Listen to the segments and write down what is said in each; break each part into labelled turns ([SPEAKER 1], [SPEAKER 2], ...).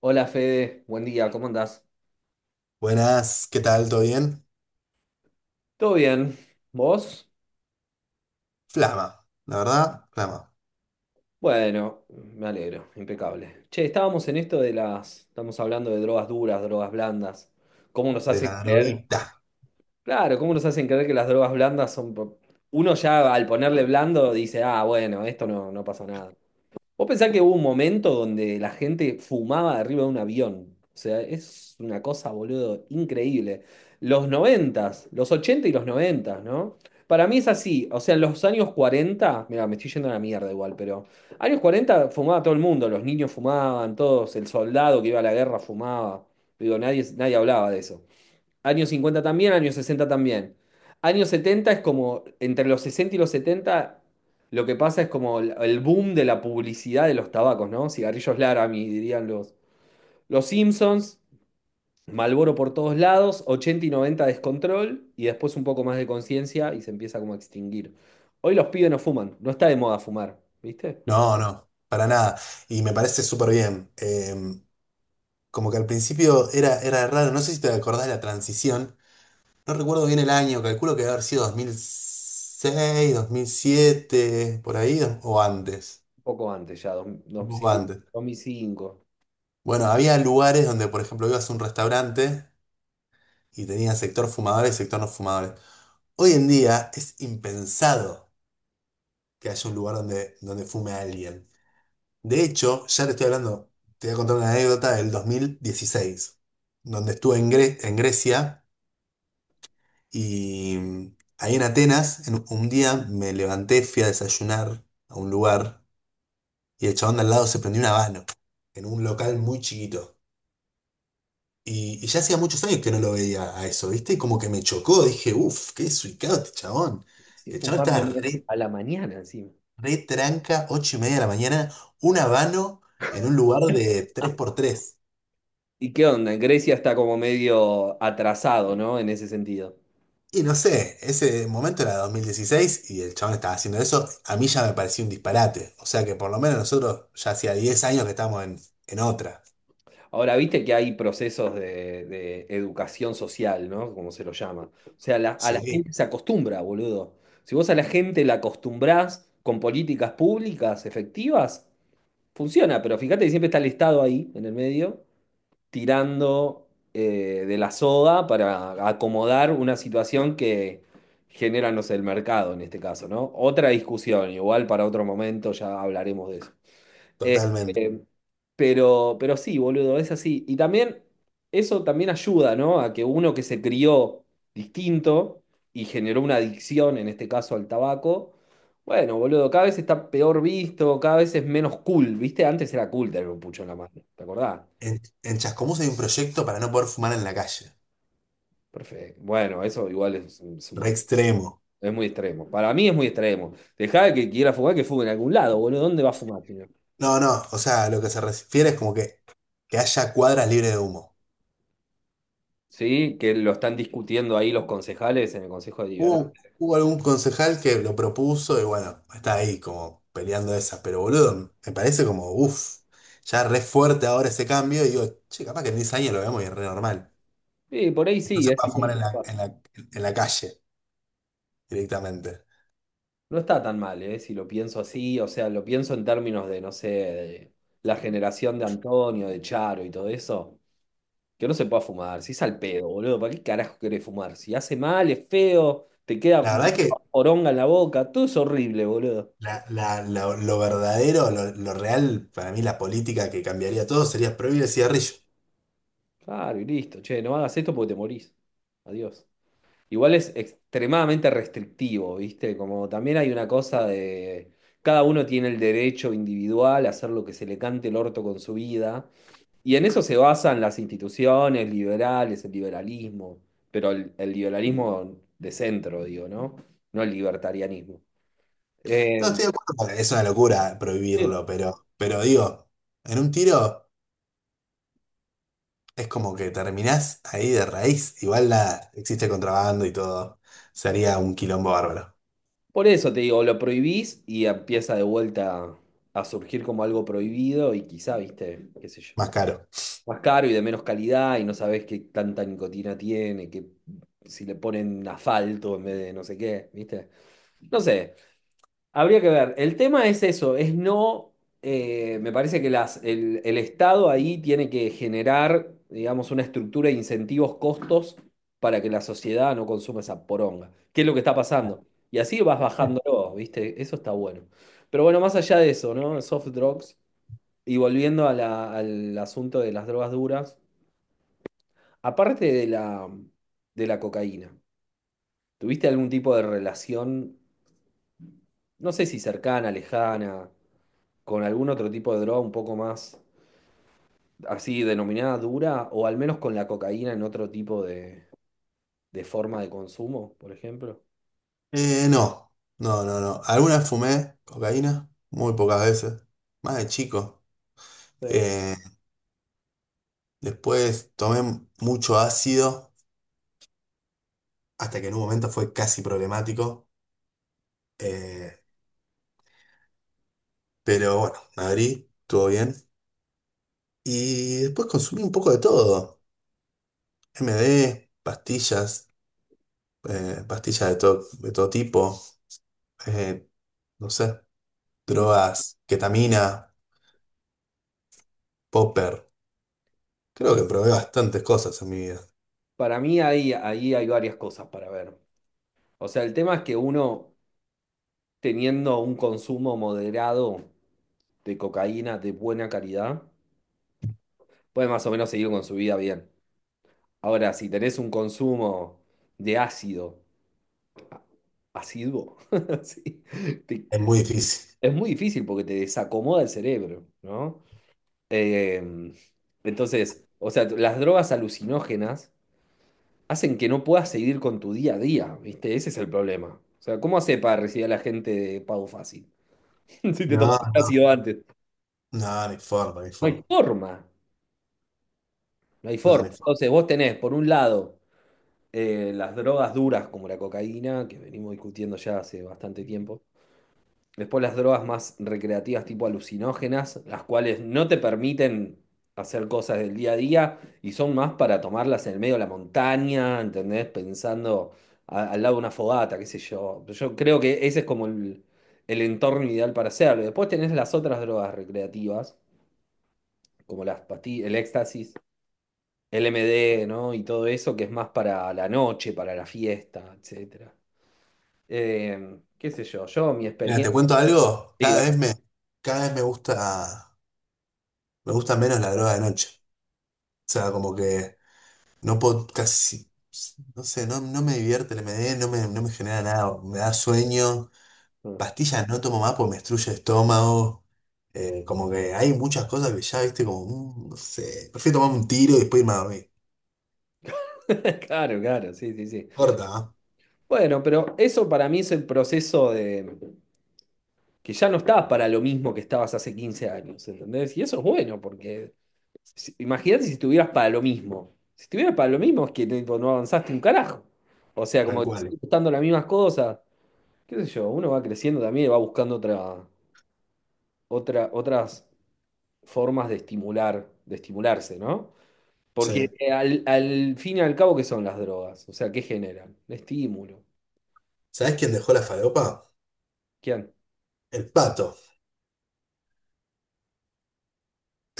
[SPEAKER 1] Hola Fede, buen día, ¿cómo andás?
[SPEAKER 2] Buenas, ¿qué tal? ¿Todo bien?
[SPEAKER 1] ¿Todo bien? ¿Vos?
[SPEAKER 2] Flama, la verdad, flama,
[SPEAKER 1] Bueno, me alegro, impecable. Che, estábamos en esto de las, estamos hablando de drogas duras, drogas blandas. ¿Cómo nos
[SPEAKER 2] de
[SPEAKER 1] hacen
[SPEAKER 2] la
[SPEAKER 1] creer?
[SPEAKER 2] droguita.
[SPEAKER 1] Claro, ¿cómo nos hacen creer que las drogas blandas son... po- Uno ya al ponerle blando dice, ah, bueno, esto no, no pasa nada. Vos pensás que hubo un momento donde la gente fumaba de arriba de un avión. O sea, es una cosa, boludo, increíble. Los noventas, los 80 y los noventas, ¿no? Para mí es así. O sea, en los años 40 mira, me estoy yendo a la mierda igual, pero años 40 fumaba todo el mundo, los niños fumaban, todos, el soldado que iba a la guerra fumaba. Digo, nadie, nadie hablaba de eso. Años 50 también, años 60 también. Años 70 es como, entre los 60 y los 70 lo que pasa es como el boom de la publicidad de los tabacos, ¿no? Cigarrillos Laramie, dirían los Simpsons, Marlboro por todos lados, 80 y 90 descontrol, y después un poco más de conciencia y se empieza como a extinguir. Hoy los pibes no fuman, no está de moda fumar, ¿viste?
[SPEAKER 2] No, no, para nada. Y me parece súper bien. Como que al principio era, era raro, no sé si te acordás de la transición. No recuerdo bien el año, calculo que debe haber sido 2006, 2007, por ahí, o antes.
[SPEAKER 1] Un poco antes ya, dos-
[SPEAKER 2] Un
[SPEAKER 1] mil
[SPEAKER 2] poco
[SPEAKER 1] cinco,
[SPEAKER 2] antes.
[SPEAKER 1] dos- mil cinco.
[SPEAKER 2] Bueno, había lugares donde, por ejemplo, ibas a un restaurante y tenía sector fumadores y sector no fumadores. Hoy en día es impensado que haya un lugar donde fume a alguien. De hecho, ya te estoy hablando, te voy a contar una anécdota del 2016 donde estuve en, en Grecia y ahí en Atenas, un día me levanté, fui a desayunar a un lugar y el chabón de al lado se prendió un habano en un local muy chiquito. Y ya hacía muchos años que no lo veía a eso, ¿viste? Y como que me chocó, dije, uff, qué desubicado este chabón.
[SPEAKER 1] Sí,
[SPEAKER 2] Y el chabón
[SPEAKER 1] fumando
[SPEAKER 2] estaba
[SPEAKER 1] mira,
[SPEAKER 2] re
[SPEAKER 1] a la mañana encima.
[SPEAKER 2] retranca, 8:30 de la mañana, un habano en un lugar de tres por tres.
[SPEAKER 1] ¿Y qué onda? Grecia está como medio atrasado, ¿no? En ese sentido.
[SPEAKER 2] Y no sé, ese momento era 2016 y el chabón estaba haciendo eso, a mí ya me parecía un disparate. O sea que por lo menos nosotros ya hacía 10 años que estamos en otra.
[SPEAKER 1] Ahora, viste que hay procesos de educación social, ¿no? Como se lo llama. O sea, la- a la
[SPEAKER 2] Sí,
[SPEAKER 1] gente se acostumbra, boludo. Si vos a la gente la acostumbrás con políticas públicas efectivas, funciona, pero fíjate que siempre está el Estado ahí, en el medio. Tirando, de la soga para acomodar una situación que genera, no sé, el mercado en este caso, ¿no? Otra discusión, igual para otro momento ya hablaremos de eso.
[SPEAKER 2] totalmente.
[SPEAKER 1] Este, pero sí, boludo, es así. Y también eso también ayuda, ¿no? A que uno que se crió distinto y generó una adicción, en este caso al tabaco, bueno, boludo, cada vez está peor visto, cada vez es menos cool, ¿viste? Antes era cool tener un pucho en la mano, ¿te acordás?
[SPEAKER 2] En Chascomús hay un proyecto para no poder fumar en la calle.
[SPEAKER 1] Perfecto. Bueno, eso igual es un
[SPEAKER 2] Re
[SPEAKER 1] montón.
[SPEAKER 2] extremo.
[SPEAKER 1] Es muy extremo. Para mí es muy extremo. Dejá que quiera fumar, que fume en algún lado, boludo. ¿Dónde va a fumar, tío?
[SPEAKER 2] No, no, o sea, lo que se refiere es como que haya cuadras libres de humo.
[SPEAKER 1] Sí, que lo están discutiendo ahí los concejales en el Consejo
[SPEAKER 2] Hubo,
[SPEAKER 1] Deliberante.
[SPEAKER 2] hubo algún concejal que lo propuso y bueno, está ahí como peleando esas, pero boludo, me parece como, uff, ya re fuerte ahora ese cambio y digo, che, capaz que en 10 años lo vemos y es re normal.
[SPEAKER 1] Sí, por ahí
[SPEAKER 2] No
[SPEAKER 1] sí,
[SPEAKER 2] se
[SPEAKER 1] es un
[SPEAKER 2] puede fumar en
[SPEAKER 1] precio copado.
[SPEAKER 2] la calle directamente.
[SPEAKER 1] No está tan mal, ¿eh? Si lo pienso así, o sea, lo pienso en términos de, no sé, de la generación de Antonio, de Charo y todo eso. Que no se pueda fumar, si es al pedo, boludo. ¿Para qué carajo querés fumar? Si hace mal, es feo, te queda
[SPEAKER 2] La verdad que
[SPEAKER 1] poronga en la boca, todo es horrible, boludo.
[SPEAKER 2] lo verdadero, lo real, para mí la política que cambiaría todo sería prohibir el cigarrillo.
[SPEAKER 1] Claro, y listo. Che, no hagas esto porque te morís. Adiós. Igual es extremadamente restrictivo, ¿viste? Como también hay una cosa de... Cada uno tiene el derecho individual a hacer lo que se le cante el orto con su vida. Y en eso se basan las instituciones liberales, el liberalismo. Pero el liberalismo de centro, digo, ¿no? No el libertarianismo.
[SPEAKER 2] No
[SPEAKER 1] Eh,
[SPEAKER 2] estoy de acuerdo, porque es una locura prohibirlo, pero digo, en un tiro... Es como que terminás ahí de raíz. Igual la, existe contrabando y todo. Sería un quilombo bárbaro.
[SPEAKER 1] por eso te digo, lo prohibís y empieza de vuelta a surgir como algo prohibido y quizá, ¿viste? ¿Qué sé yo?
[SPEAKER 2] Más caro.
[SPEAKER 1] Más caro y de menos calidad y no sabés qué tanta nicotina tiene, que si le ponen asfalto en vez de no sé qué, ¿viste? No sé, habría que ver. El tema es eso, es no, me parece que las, el Estado ahí tiene que generar, digamos, una estructura de incentivos, costos para que la sociedad no consuma esa poronga. ¿Qué es lo que está pasando? Y así vas bajándolo, ¿viste? Eso está bueno. Pero bueno, más allá de eso, ¿no? Soft drugs. Y volviendo a la- al asunto de las drogas duras. Aparte de la cocaína, ¿tuviste algún tipo de relación, no sé si cercana, lejana, con algún otro tipo de droga un poco más así denominada dura, o al menos con la cocaína en otro tipo de forma de consumo, por ejemplo?
[SPEAKER 2] No, no, no, no. Alguna vez fumé cocaína, muy pocas veces. Más de chico.
[SPEAKER 1] Sí.
[SPEAKER 2] Eh, Después tomé mucho ácido, hasta que en un momento fue casi problemático. Eh, pero bueno, me abrí, estuvo bien. Y después consumí un poco de todo. MD, pastillas, pastillas de todo tipo. eh, no sé,
[SPEAKER 1] Hmm.
[SPEAKER 2] drogas, ketamina, popper. Creo que probé bastantes cosas en mi vida.
[SPEAKER 1] Para mí ahí, ahí hay varias cosas para ver. O sea, el tema es que uno, teniendo un consumo moderado de cocaína de buena calidad, puede más o menos seguir con su vida bien. Ahora, si tenés un consumo de ácido, asiduo, sí, te-
[SPEAKER 2] Es muy difícil.
[SPEAKER 1] es muy difícil porque te desacomoda el cerebro, ¿no? Eh, entonces, o sea, las drogas alucinógenas hacen que no puedas seguir con tu día a día, ¿viste? Ese es el problema. O sea, ¿cómo hace para recibir a la gente de pago fácil? Si te
[SPEAKER 2] No,
[SPEAKER 1] tomaste un
[SPEAKER 2] no,
[SPEAKER 1] ácido antes.
[SPEAKER 2] no, ni forma, ni
[SPEAKER 1] No hay
[SPEAKER 2] forma.
[SPEAKER 1] forma, no hay
[SPEAKER 2] No,
[SPEAKER 1] forma.
[SPEAKER 2] ni forma.
[SPEAKER 1] Entonces, vos tenés, por un lado, las drogas duras como la cocaína, que venimos discutiendo ya hace bastante tiempo. Después las drogas más recreativas tipo alucinógenas, las cuales no te permiten hacer cosas del día a día y son más para tomarlas en el medio de la montaña, ¿entendés? Pensando a- al lado de una fogata, qué sé yo. Yo creo que ese es como el entorno ideal para hacerlo. Después tenés las otras drogas recreativas, como las pastillas, el éxtasis, el MD, ¿no? Y todo eso que es más para la noche, para la fiesta, etcétera. Qué sé yo, yo mi
[SPEAKER 2] Mira, te
[SPEAKER 1] experiencia...
[SPEAKER 2] cuento algo.
[SPEAKER 1] Sí, dale.
[SPEAKER 2] Cada vez me gusta menos la droga de noche. O sea, como que no puedo casi, no sé, no, no me divierte el MD, no me genera nada. Me da sueño. Pastillas no tomo más porque me destruye el estómago. Como que hay muchas cosas que ya, viste, como, no sé, prefiero tomar un tiro y después irme a dormir.
[SPEAKER 1] Claro, claro, sí, sí, sí.
[SPEAKER 2] Corta, ¿ah?
[SPEAKER 1] Bueno, pero eso para mí es el proceso de que ya no estás para lo mismo que estabas hace 15 años, ¿entendés? Y eso es bueno, porque si- imagínate si estuvieras para lo mismo. Si estuvieras para lo mismo es que tipo, no avanzaste un carajo. O sea, como
[SPEAKER 2] Tal
[SPEAKER 1] que te
[SPEAKER 2] cual.
[SPEAKER 1] siguen gustando las mismas cosas. Qué sé yo, uno va creciendo también y va buscando otra, otra, otras formas de estimular, de estimularse, ¿no?
[SPEAKER 2] Sí.
[SPEAKER 1] Porque al, al fin y al cabo, ¿qué son las drogas? O sea, ¿qué generan? Estímulo.
[SPEAKER 2] ¿Sabés quién dejó la falopa?
[SPEAKER 1] ¿Quién?
[SPEAKER 2] El pato.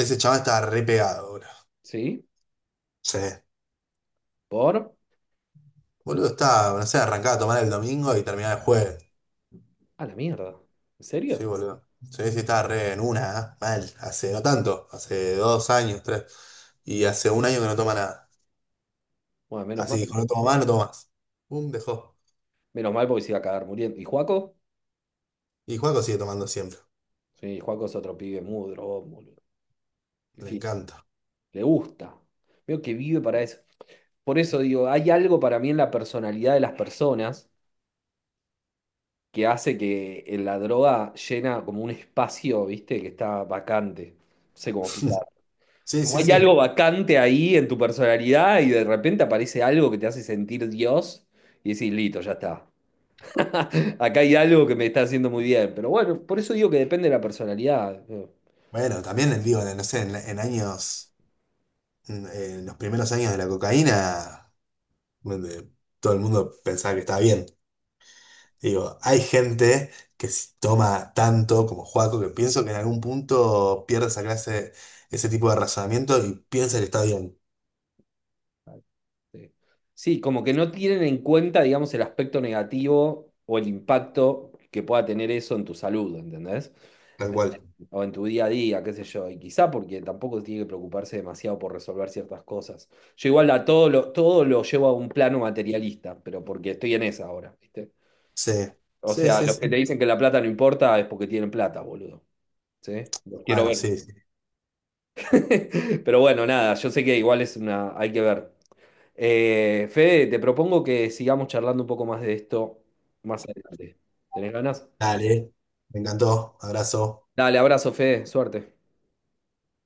[SPEAKER 2] Ese chaval estaba re pegado, boludo.
[SPEAKER 1] Sí,
[SPEAKER 2] Sí.
[SPEAKER 1] por...
[SPEAKER 2] Boludo, estaba, no sé, arrancaba a tomar el domingo y terminaba el jueves.
[SPEAKER 1] A la mierda. ¿En
[SPEAKER 2] Sí,
[SPEAKER 1] serio?
[SPEAKER 2] boludo. Sí, sí, estaba re en una, ¿ah? Mal. Hace no tanto, hace 2 años, tres. Y hace 1 año que no toma nada.
[SPEAKER 1] Bueno, menos
[SPEAKER 2] Así
[SPEAKER 1] mal.
[SPEAKER 2] dijo, no tomo más, no tomo más. Pum, dejó.
[SPEAKER 1] Menos mal porque se iba a cagar muriendo. ¿Y Juaco?
[SPEAKER 2] Y Juaco sigue tomando siempre.
[SPEAKER 1] Sí, Juaco es otro pibe muy drogón, boludo. En
[SPEAKER 2] Le
[SPEAKER 1] fin,
[SPEAKER 2] encanta.
[SPEAKER 1] le gusta. Veo que vive para eso. Por eso digo, hay algo para mí en la personalidad de las personas que hace que en la droga llena como un espacio, ¿viste? Que está vacante. No sé cómo explicar.
[SPEAKER 2] Sí,
[SPEAKER 1] Como
[SPEAKER 2] sí,
[SPEAKER 1] hay
[SPEAKER 2] sí.
[SPEAKER 1] algo vacante ahí en tu personalidad y de repente aparece algo que te hace sentir Dios y decís, listo, ya está. Acá hay algo que me está haciendo muy bien, pero bueno, por eso digo que depende de la personalidad, ¿no?
[SPEAKER 2] Bueno, también digo, no sé, en años, en los primeros años de la cocaína, donde todo el mundo pensaba que estaba bien. Digo, hay gente que toma tanto como Juaco que pienso que en algún punto pierde esa clase, ese tipo de razonamiento y piensa que está bien,
[SPEAKER 1] Este, sí, como que no tienen en cuenta, digamos, el aspecto negativo o el impacto que pueda tener eso en tu salud, ¿entendés?
[SPEAKER 2] tal cual.
[SPEAKER 1] O en tu día a día, qué sé yo. Y quizá porque tampoco tiene que preocuparse demasiado por resolver ciertas cosas. Yo igual a todo lo llevo a un plano materialista, pero porque estoy en esa ahora, ¿viste?
[SPEAKER 2] Sí,
[SPEAKER 1] O
[SPEAKER 2] sí,
[SPEAKER 1] sea,
[SPEAKER 2] sí,
[SPEAKER 1] los que
[SPEAKER 2] sí.
[SPEAKER 1] te dicen que la plata no importa es porque tienen plata, boludo. ¿Sí? Los quiero
[SPEAKER 2] Bueno,
[SPEAKER 1] ver.
[SPEAKER 2] sí, sí.
[SPEAKER 1] Pero bueno, nada, yo sé que igual es una, hay que ver. Fede, te propongo que sigamos charlando un poco más de esto más adelante. ¿Tenés ganas?
[SPEAKER 2] Dale, me encantó. Abrazo.
[SPEAKER 1] Dale, abrazo, Fede, suerte.